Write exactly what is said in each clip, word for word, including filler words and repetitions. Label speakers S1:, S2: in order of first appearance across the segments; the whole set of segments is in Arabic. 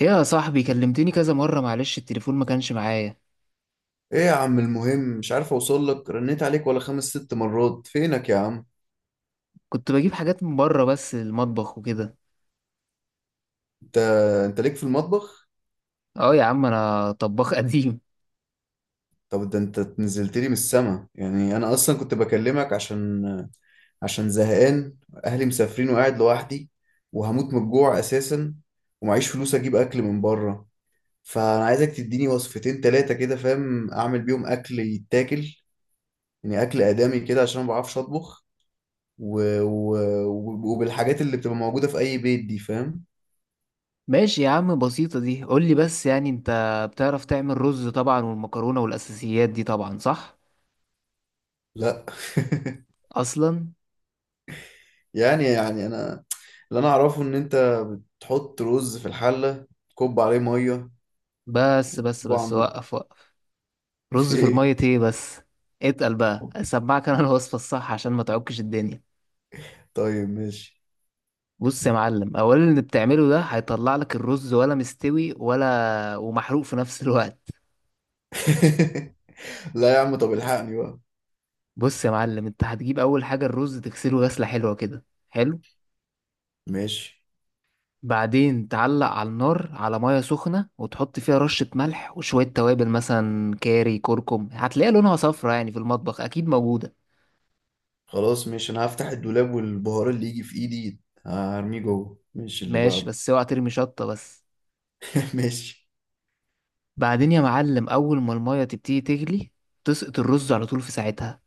S1: ايه يا صاحبي، كلمتني كذا مرة. معلش التليفون ما كانش معايا.
S2: ايه يا عم، المهم مش عارف اوصل لك، رنيت عليك ولا خمس ست مرات، فينك يا عم؟
S1: كنت بجيب حاجات من بره بس للمطبخ وكده.
S2: انت انت ليك في المطبخ؟
S1: اه يا عم، انا طباخ قديم.
S2: طب ده انت نزلت لي من السما، يعني انا اصلا كنت بكلمك عشان عشان زهقان، اهلي مسافرين وقاعد لوحدي، وهموت من الجوع اساسا، ومعيش فلوس اجيب اكل من بره، فانا عايزك تديني وصفتين تلاتة كده فاهم، اعمل بيهم اكل يتاكل، يعني اكل ادمي كده عشان ما بعرفش اطبخ. و... و... وبالحاجات اللي بتبقى موجودة في اي بيت دي، فاهم؟
S1: ماشي يا عم، بسيطة دي. قولي بس، يعني انت بتعرف تعمل رز طبعا والمكرونة والاساسيات دي طبعا، صح؟
S2: لا.
S1: اصلا.
S2: يعني يعني انا اللي انا اعرفه ان انت تحط رز في الحله، كب عليه ميه،
S1: بس بس
S2: كب على
S1: بس،
S2: النار.
S1: وقف وقف! رز في
S2: ايه.
S1: المية ايه بس؟ اتقل بقى اسمعك انا الوصفة الصح عشان ما تعكش الدنيا.
S2: طيب ماشي.
S1: بص يا معلم، اولا اللي بتعمله ده هيطلع لك الرز ولا مستوي، ولا ومحروق في نفس الوقت.
S2: لا يا عم، طب الحقني بقى.
S1: بص يا معلم، انت هتجيب اول حاجه الرز تغسله غسله حلوه كده. حلو.
S2: ماشي.
S1: بعدين تعلق على النار على ميه سخنه، وتحط فيها رشه ملح وشويه توابل، مثلا كاري، كركم، هتلاقيها لونها صفرا، يعني في المطبخ اكيد موجوده.
S2: خلاص ماشي، انا هفتح الدولاب والبهار اللي يجي في ايدي هرميه جوه. ماشي، اللي
S1: ماشي،
S2: بعده.
S1: بس اوعى ترمي شطه بس.
S2: ماشي.
S1: بعدين يا معلم، اول ما الميه تبتدي تغلي، تسقط الرز على طول في ساعتها.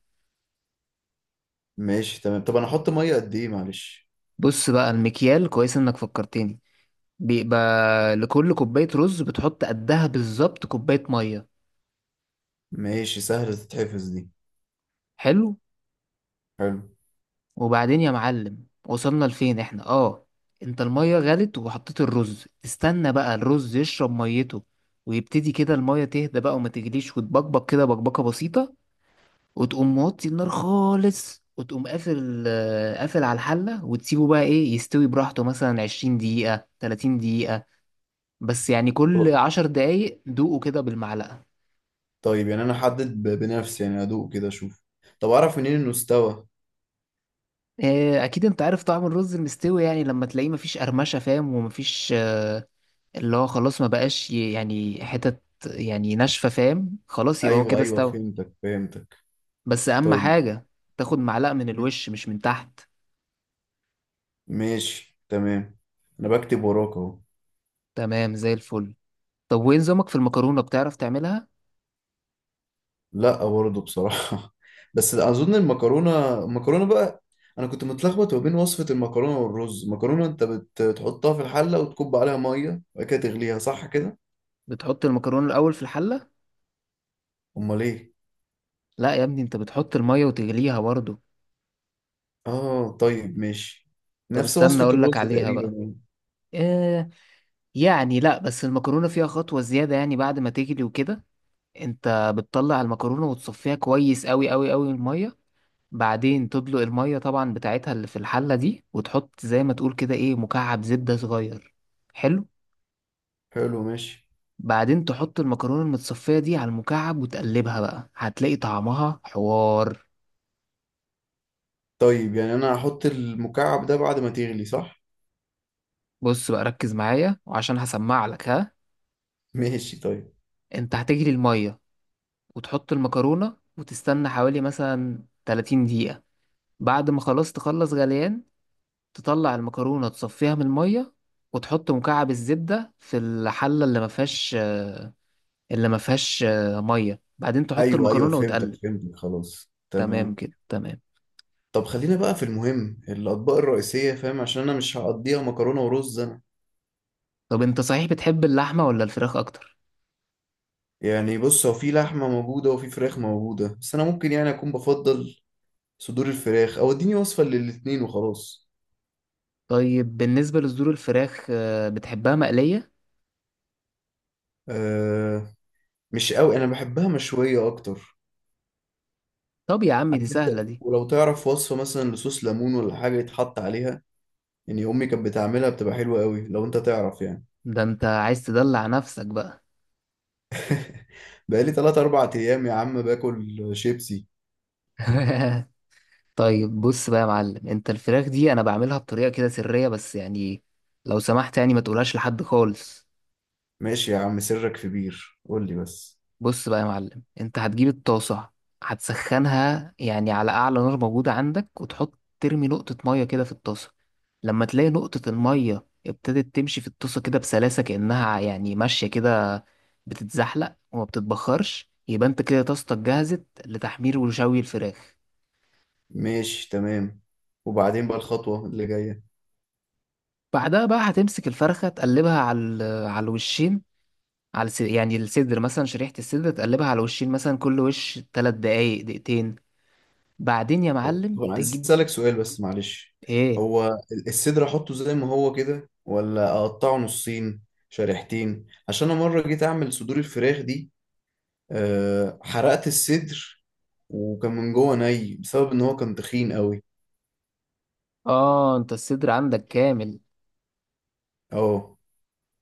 S2: ماشي تمام. طب انا احط ميه قد ايه معلش؟
S1: بص بقى المكيال كويس انك فكرتني. بيبقى لكل كوبايه رز بتحط قدها بالظبط كوبايه ميه.
S2: ماشي، سهله تتحفظ دي.
S1: حلو.
S2: حلو.
S1: وبعدين يا معلم، وصلنا لفين احنا؟ اه، انت المية غلت وحطيت الرز، استنى بقى الرز يشرب ميته، ويبتدي كده المية تهدى بقى وما تجليش وتبقبق كده بقبقة بسيطة. وتقوم موطي النار خالص، وتقوم قافل آه، قافل على الحلة، وتسيبه بقى ايه يستوي براحته، مثلا عشرين دقيقة تلاتين دقيقة. بس يعني كل
S2: طب-
S1: عشر دقايق دوقه كده بالمعلقة.
S2: طيب، يعني انا احدد ب- بنفسي، يعني ادوق كده اشوف؟ طب اعرف منين انه استوى؟
S1: آه، اكيد انت عارف طعم الرز المستوي، يعني لما تلاقيه مفيش قرمشة فاهم، ومفيش آه، اللي هو خلاص ما بقاش ي- يعني حتت يعني ناشفة فاهم، خلاص يبقى هو
S2: ايوه
S1: كده
S2: ايوه،
S1: استوى.
S2: فهمتك فهمتك.
S1: بس أهم
S2: طيب.
S1: حاجة تاخد معلقة من الوش مش من تحت.
S2: ماشي تمام. انا بكتب وراك اهو.
S1: تمام زي الفل. طب وين نظامك في المكرونة، بتعرف تعملها؟
S2: لا برضه بصراحه. بس اظن المكرونه المكرونه بقى، انا كنت متلخبط ما بين وصفه المكرونه والرز. المكرونه انت بت- بتحطها في الحله وتكب عليها ميه وبعد كده تغليها، صح كده؟
S1: بتحط المكرونة الأول في الحلة؟
S2: امال ايه.
S1: لا يا ابني، انت بتحط المية وتغليها برضه.
S2: اه طيب ماشي.
S1: طب
S2: نفس
S1: استنى
S2: وصفه
S1: أقولك
S2: الرز
S1: عليها
S2: تقريبا
S1: بقى.
S2: يعني.
S1: إيه يعني؟ لا بس المكرونة فيها خطوة زيادة، يعني بعد ما تغلي وكده انت بتطلع المكرونة وتصفيها كويس أوي أوي أوي من المية. بعدين تطلق المية طبعا بتاعتها اللي في الحلة دي، وتحط زي ما تقول كده ايه مكعب زبدة صغير. حلو.
S2: حلو ماشي.
S1: بعدين تحط المكرونة المتصفية دي على المكعب وتقلبها بقى، هتلاقي طعمها حوار.
S2: طيب يعني انا هحط المكعب ده بعد ما تغلي، صح؟
S1: بص بقى ركز معايا وعشان هسمع لك ها.
S2: ماشي طيب.
S1: انت هتجري المية وتحط المكرونة وتستنى حوالي مثلا تلاتين دقيقة، بعد ما خلاص تخلص غليان تطلع المكرونة تصفيها من المية، وتحط مكعب الزبدة في الحلة اللي ما فيهاش اللي ما فيهاش آه، ميه، بعدين تحط
S2: ايوه ايوه،
S1: المكرونه
S2: فهمتك
S1: وتقلب.
S2: فهمتك، خلاص
S1: تمام
S2: تمام.
S1: كده تمام.
S2: طب خلينا بقى في المهم، الأطباق الرئيسية فاهم، عشان أنا مش هقضيها مكرونة ورز أنا.
S1: طب انت صحيح بتحب اللحمه ولا الفراخ اكتر؟
S2: يعني بص، هو في لحمة موجودة وفي فراخ موجودة، بس أنا ممكن يعني أكون بفضل صدور الفراخ، أو إديني وصفة للاتنين وخلاص.
S1: طيب بالنسبه لصدور الفراخ آه، بتحبها مقليه؟
S2: أه. مش قوي، أنا بحبها مشوية أكتر.
S1: طب يا عمي دي
S2: عارف أنت،
S1: سهله دي.
S2: ولو تعرف وصفة مثلا لصوص ليمون ولا حاجة يتحط عليها، يعني أمي كانت بتعملها بتبقى حلوة قوي، لو أنت تعرف يعني.
S1: ده انت عايز تدلع نفسك بقى.
S2: بقالي تلات أربع أيام يا عم باكل شيبسي.
S1: طيب بص بقى يا معلم، انت الفراخ دي انا بعملها بطريقه كده سريه، بس يعني لو سمحت يعني ما تقولهاش لحد خالص.
S2: ماشي يا عم، سرك في بير، قول لي بس.
S1: بص بقى يا معلم، انت هتجيب الطاسة، هتسخنها يعني على أعلى نار موجودة عندك، وتحط ترمي نقطة مية كده في الطاسة. لما تلاقي نقطة المية ابتدت تمشي في الطاسة كده بسلاسة، كأنها يعني ماشية كده بتتزحلق وما بتتبخرش، يبقى انت كده طاستك جهزت لتحمير وشوي الفراخ.
S2: ماشي تمام، وبعدين بقى الخطوة اللي جاية؟
S1: بعدها بقى هتمسك الفرخة تقلبها على ال- على الوشين، على الس- يعني الصدر، مثلا شريحة الصدر تقلبها على الوشين، مثلا كل وش تلات دقايق دقيقتين. بعدين يا
S2: طب
S1: معلم
S2: أنا عايز
S1: تجيب
S2: أسألك سؤال بس معلش.
S1: ايه.
S2: هو ال- الصدر أحطه زي ما هو كده، ولا أقطعه نصين، شريحتين؟ عشان أنا مرة جيت أعمل صدور الفراخ دي، أه حرقت الصدر، وكان من جوه ني بسبب إن هو كان تخين قوي.
S1: اه، انت الصدر عندك كامل.
S2: أه.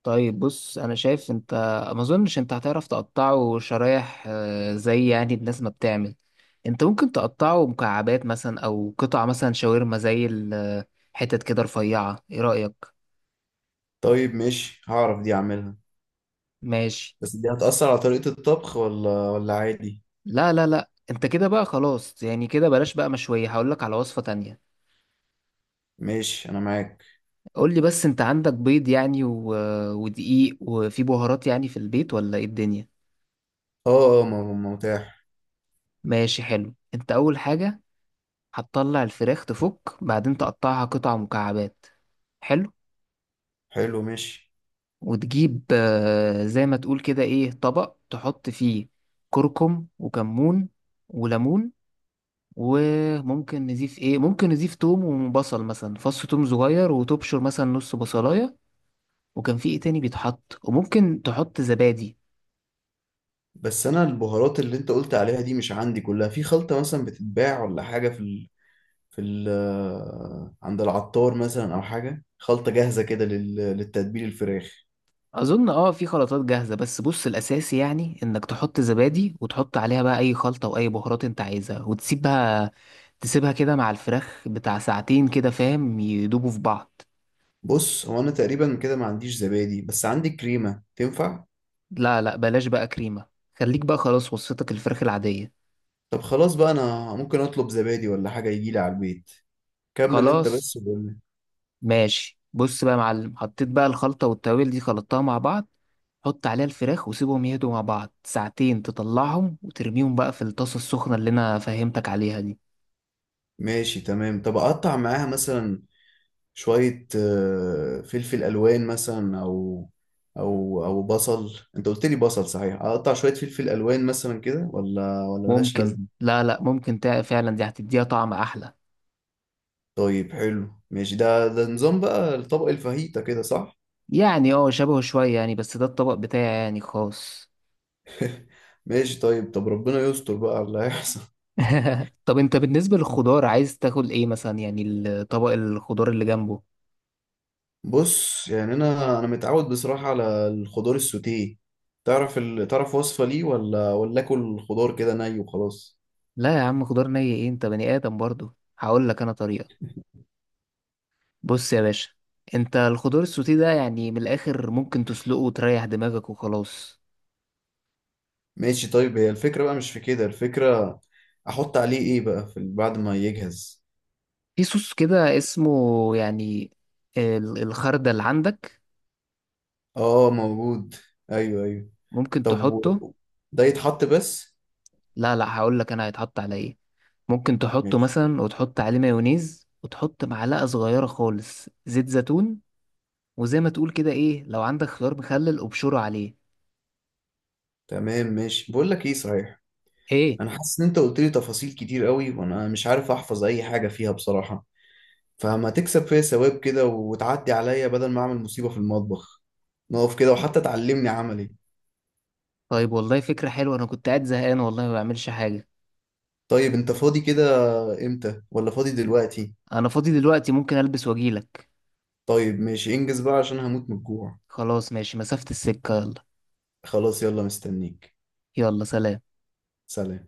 S1: طيب بص انا شايف انت ما اظنش انت هتعرف تقطعه شرايح آه، زي يعني الناس ما بتعمل. انت ممكن تقطعه مكعبات مثلا، او قطع مثلا شاورما، زي الحتت كده رفيعة، ايه رأيك؟
S2: طيب ماشي، هعرف دي أعملها.
S1: ماشي.
S2: بس دي هتأثر على طريقة الطبخ ولا ولا عادي؟
S1: لا لا لا، انت كده بقى خلاص، يعني كده بلاش بقى مشوية، هقولك على وصفة تانية.
S2: ماشي أنا معاك.
S1: قولي بس، انت عندك بيض يعني و... آه، ودقيق وفي بهارات يعني في البيت ولا ايه الدنيا؟
S2: أه أه، م- م- متاح.
S1: ماشي حلو. انت اول حاجة هتطلع الفراخ تفك بعدين تقطعها قطع مكعبات. حلو.
S2: حلو ماشي.
S1: وتجيب آه، زي ما تقول كده ايه طبق تحط فيه كركم وكمون وليمون، وممكن نضيف ايه، ممكن نضيف توم وبصل، مثلا فص توم صغير وتبشر مثلا نص بصلاية. وكان في ايه تاني بيتحط، وممكن تحط زبادي.
S2: بس انا البهارات اللي انت قلت عليها دي مش عندي كلها، في خلطة مثلا بتتباع ولا حاجة في ال... في ال... عند العطار مثلا، او حاجة خلطة جاهزة كده لل... للتتبيل الفراخ؟
S1: اظن اه في خلطات جاهزه، بس بص الاساسي يعني انك تحط زبادي وتحط عليها بقى اي خلطه واي بهارات انت عايزها، وتسيبها تسيبها كده مع الفراخ بتاع ساعتين كده فاهم، يدوبوا في بعض.
S2: بص، هو انا تقريبا كده ما عنديش زبادي، بس عندي كريمة، تنفع؟
S1: لا لا بلاش بقى كريمه، خليك بقى خلاص وصفتك الفراخ العاديه.
S2: طب خلاص بقى، انا ممكن اطلب زبادي ولا حاجة يجيلي على البيت، كمل انت بس
S1: خلاص
S2: وقول لي.
S1: ماشي، بص بقى يا معلم، حطيت بقى الخلطه والتوابل دي خلطتها مع بعض، حط عليها الفراخ وسيبهم يهدوا مع بعض ساعتين، تطلعهم وترميهم بقى في الطاسه السخنه اللي انا فهمتك عليها دي.
S2: ماشي تمام. طب اقطع معاها مثلا شوية آه، فلفل ألوان مثلا، أو أو أو بصل؟ أنت قلت لي بصل، صحيح أقطع شوية فلفل ألوان مثلا كده ولا ولا ملهاش
S1: ممكن،
S2: لازمة؟
S1: لا لا، ممكن تع- فعلا دي هتديها طعم احلى.
S2: طيب حلو ماشي، ده ده نظام بقى الطبق الفاهيتا كده، صح؟
S1: يعني اه شبهه شوية يعني، بس ده الطبق بتاعي يعني خاص.
S2: ماشي طيب. طب ربنا يستر بقى على اللي هيحصل.
S1: طب انت بالنسبة للخضار عايز تاكل ايه مثلا يعني، الطبق الخضار اللي جنبه؟
S2: بص يعني، أنا أنا متعود بصراحة على الخضار السوتيه. تعرف ال... تعرف وصفة ليه، ولا ولا آكل الخضار كده ني وخلاص؟
S1: لا يا عم، خضار ني ايه! انت بني ادم برضو، هقول لك انا طريقة. بص يا باشا، انت الخضار السوتيه ده يعني من الاخر ممكن تسلقه وتريح دماغك وخلاص.
S2: ماشي طيب. هي الفكرة بقى مش في كده الفكرة. أحط عليه إيه بقى في بعد ما يجهز؟
S1: في صوص كده اسمه يعني ال- الخردل، عندك؟
S2: اه موجود. ايوه ايوه.
S1: ممكن
S2: طب
S1: تحطه.
S2: و- ده يتحط بس؟
S1: لا لا، هقول لك انا هيتحط على ايه. ممكن تحطه
S2: ماشي
S1: مثلا وتحط عليه مايونيز، وتحط معلقة صغيرة خالص زيت زيتون، وزي ما تقول كده ايه لو عندك خيار مخلل ابشره عليه.
S2: تمام. ماشي، بقول لك ايه صحيح،
S1: ايه.
S2: انا حاسس ان انت قلت لي تفاصيل كتير قوي وانا مش عارف احفظ اي حاجه فيها بصراحه، فما تكسب فيا ثواب كده وتعدي عليا بدل ما اعمل مصيبه في المطبخ، نقف كده وحتى تعلمني عملي.
S1: طيب والله فكرة حلوة، انا كنت قاعد زهقان والله ما بعملش حاجة.
S2: طيب انت فاضي كده امتى، ولا فاضي دلوقتي؟
S1: انا فاضي دلوقتي، ممكن البس واجيلك.
S2: طيب ماشي، انجز بقى عشان هموت من الجوع.
S1: خلاص ماشي، مسافة السكة، يلا.
S2: خلاص يلا، مستنيك.
S1: يلا سلام.
S2: سلام.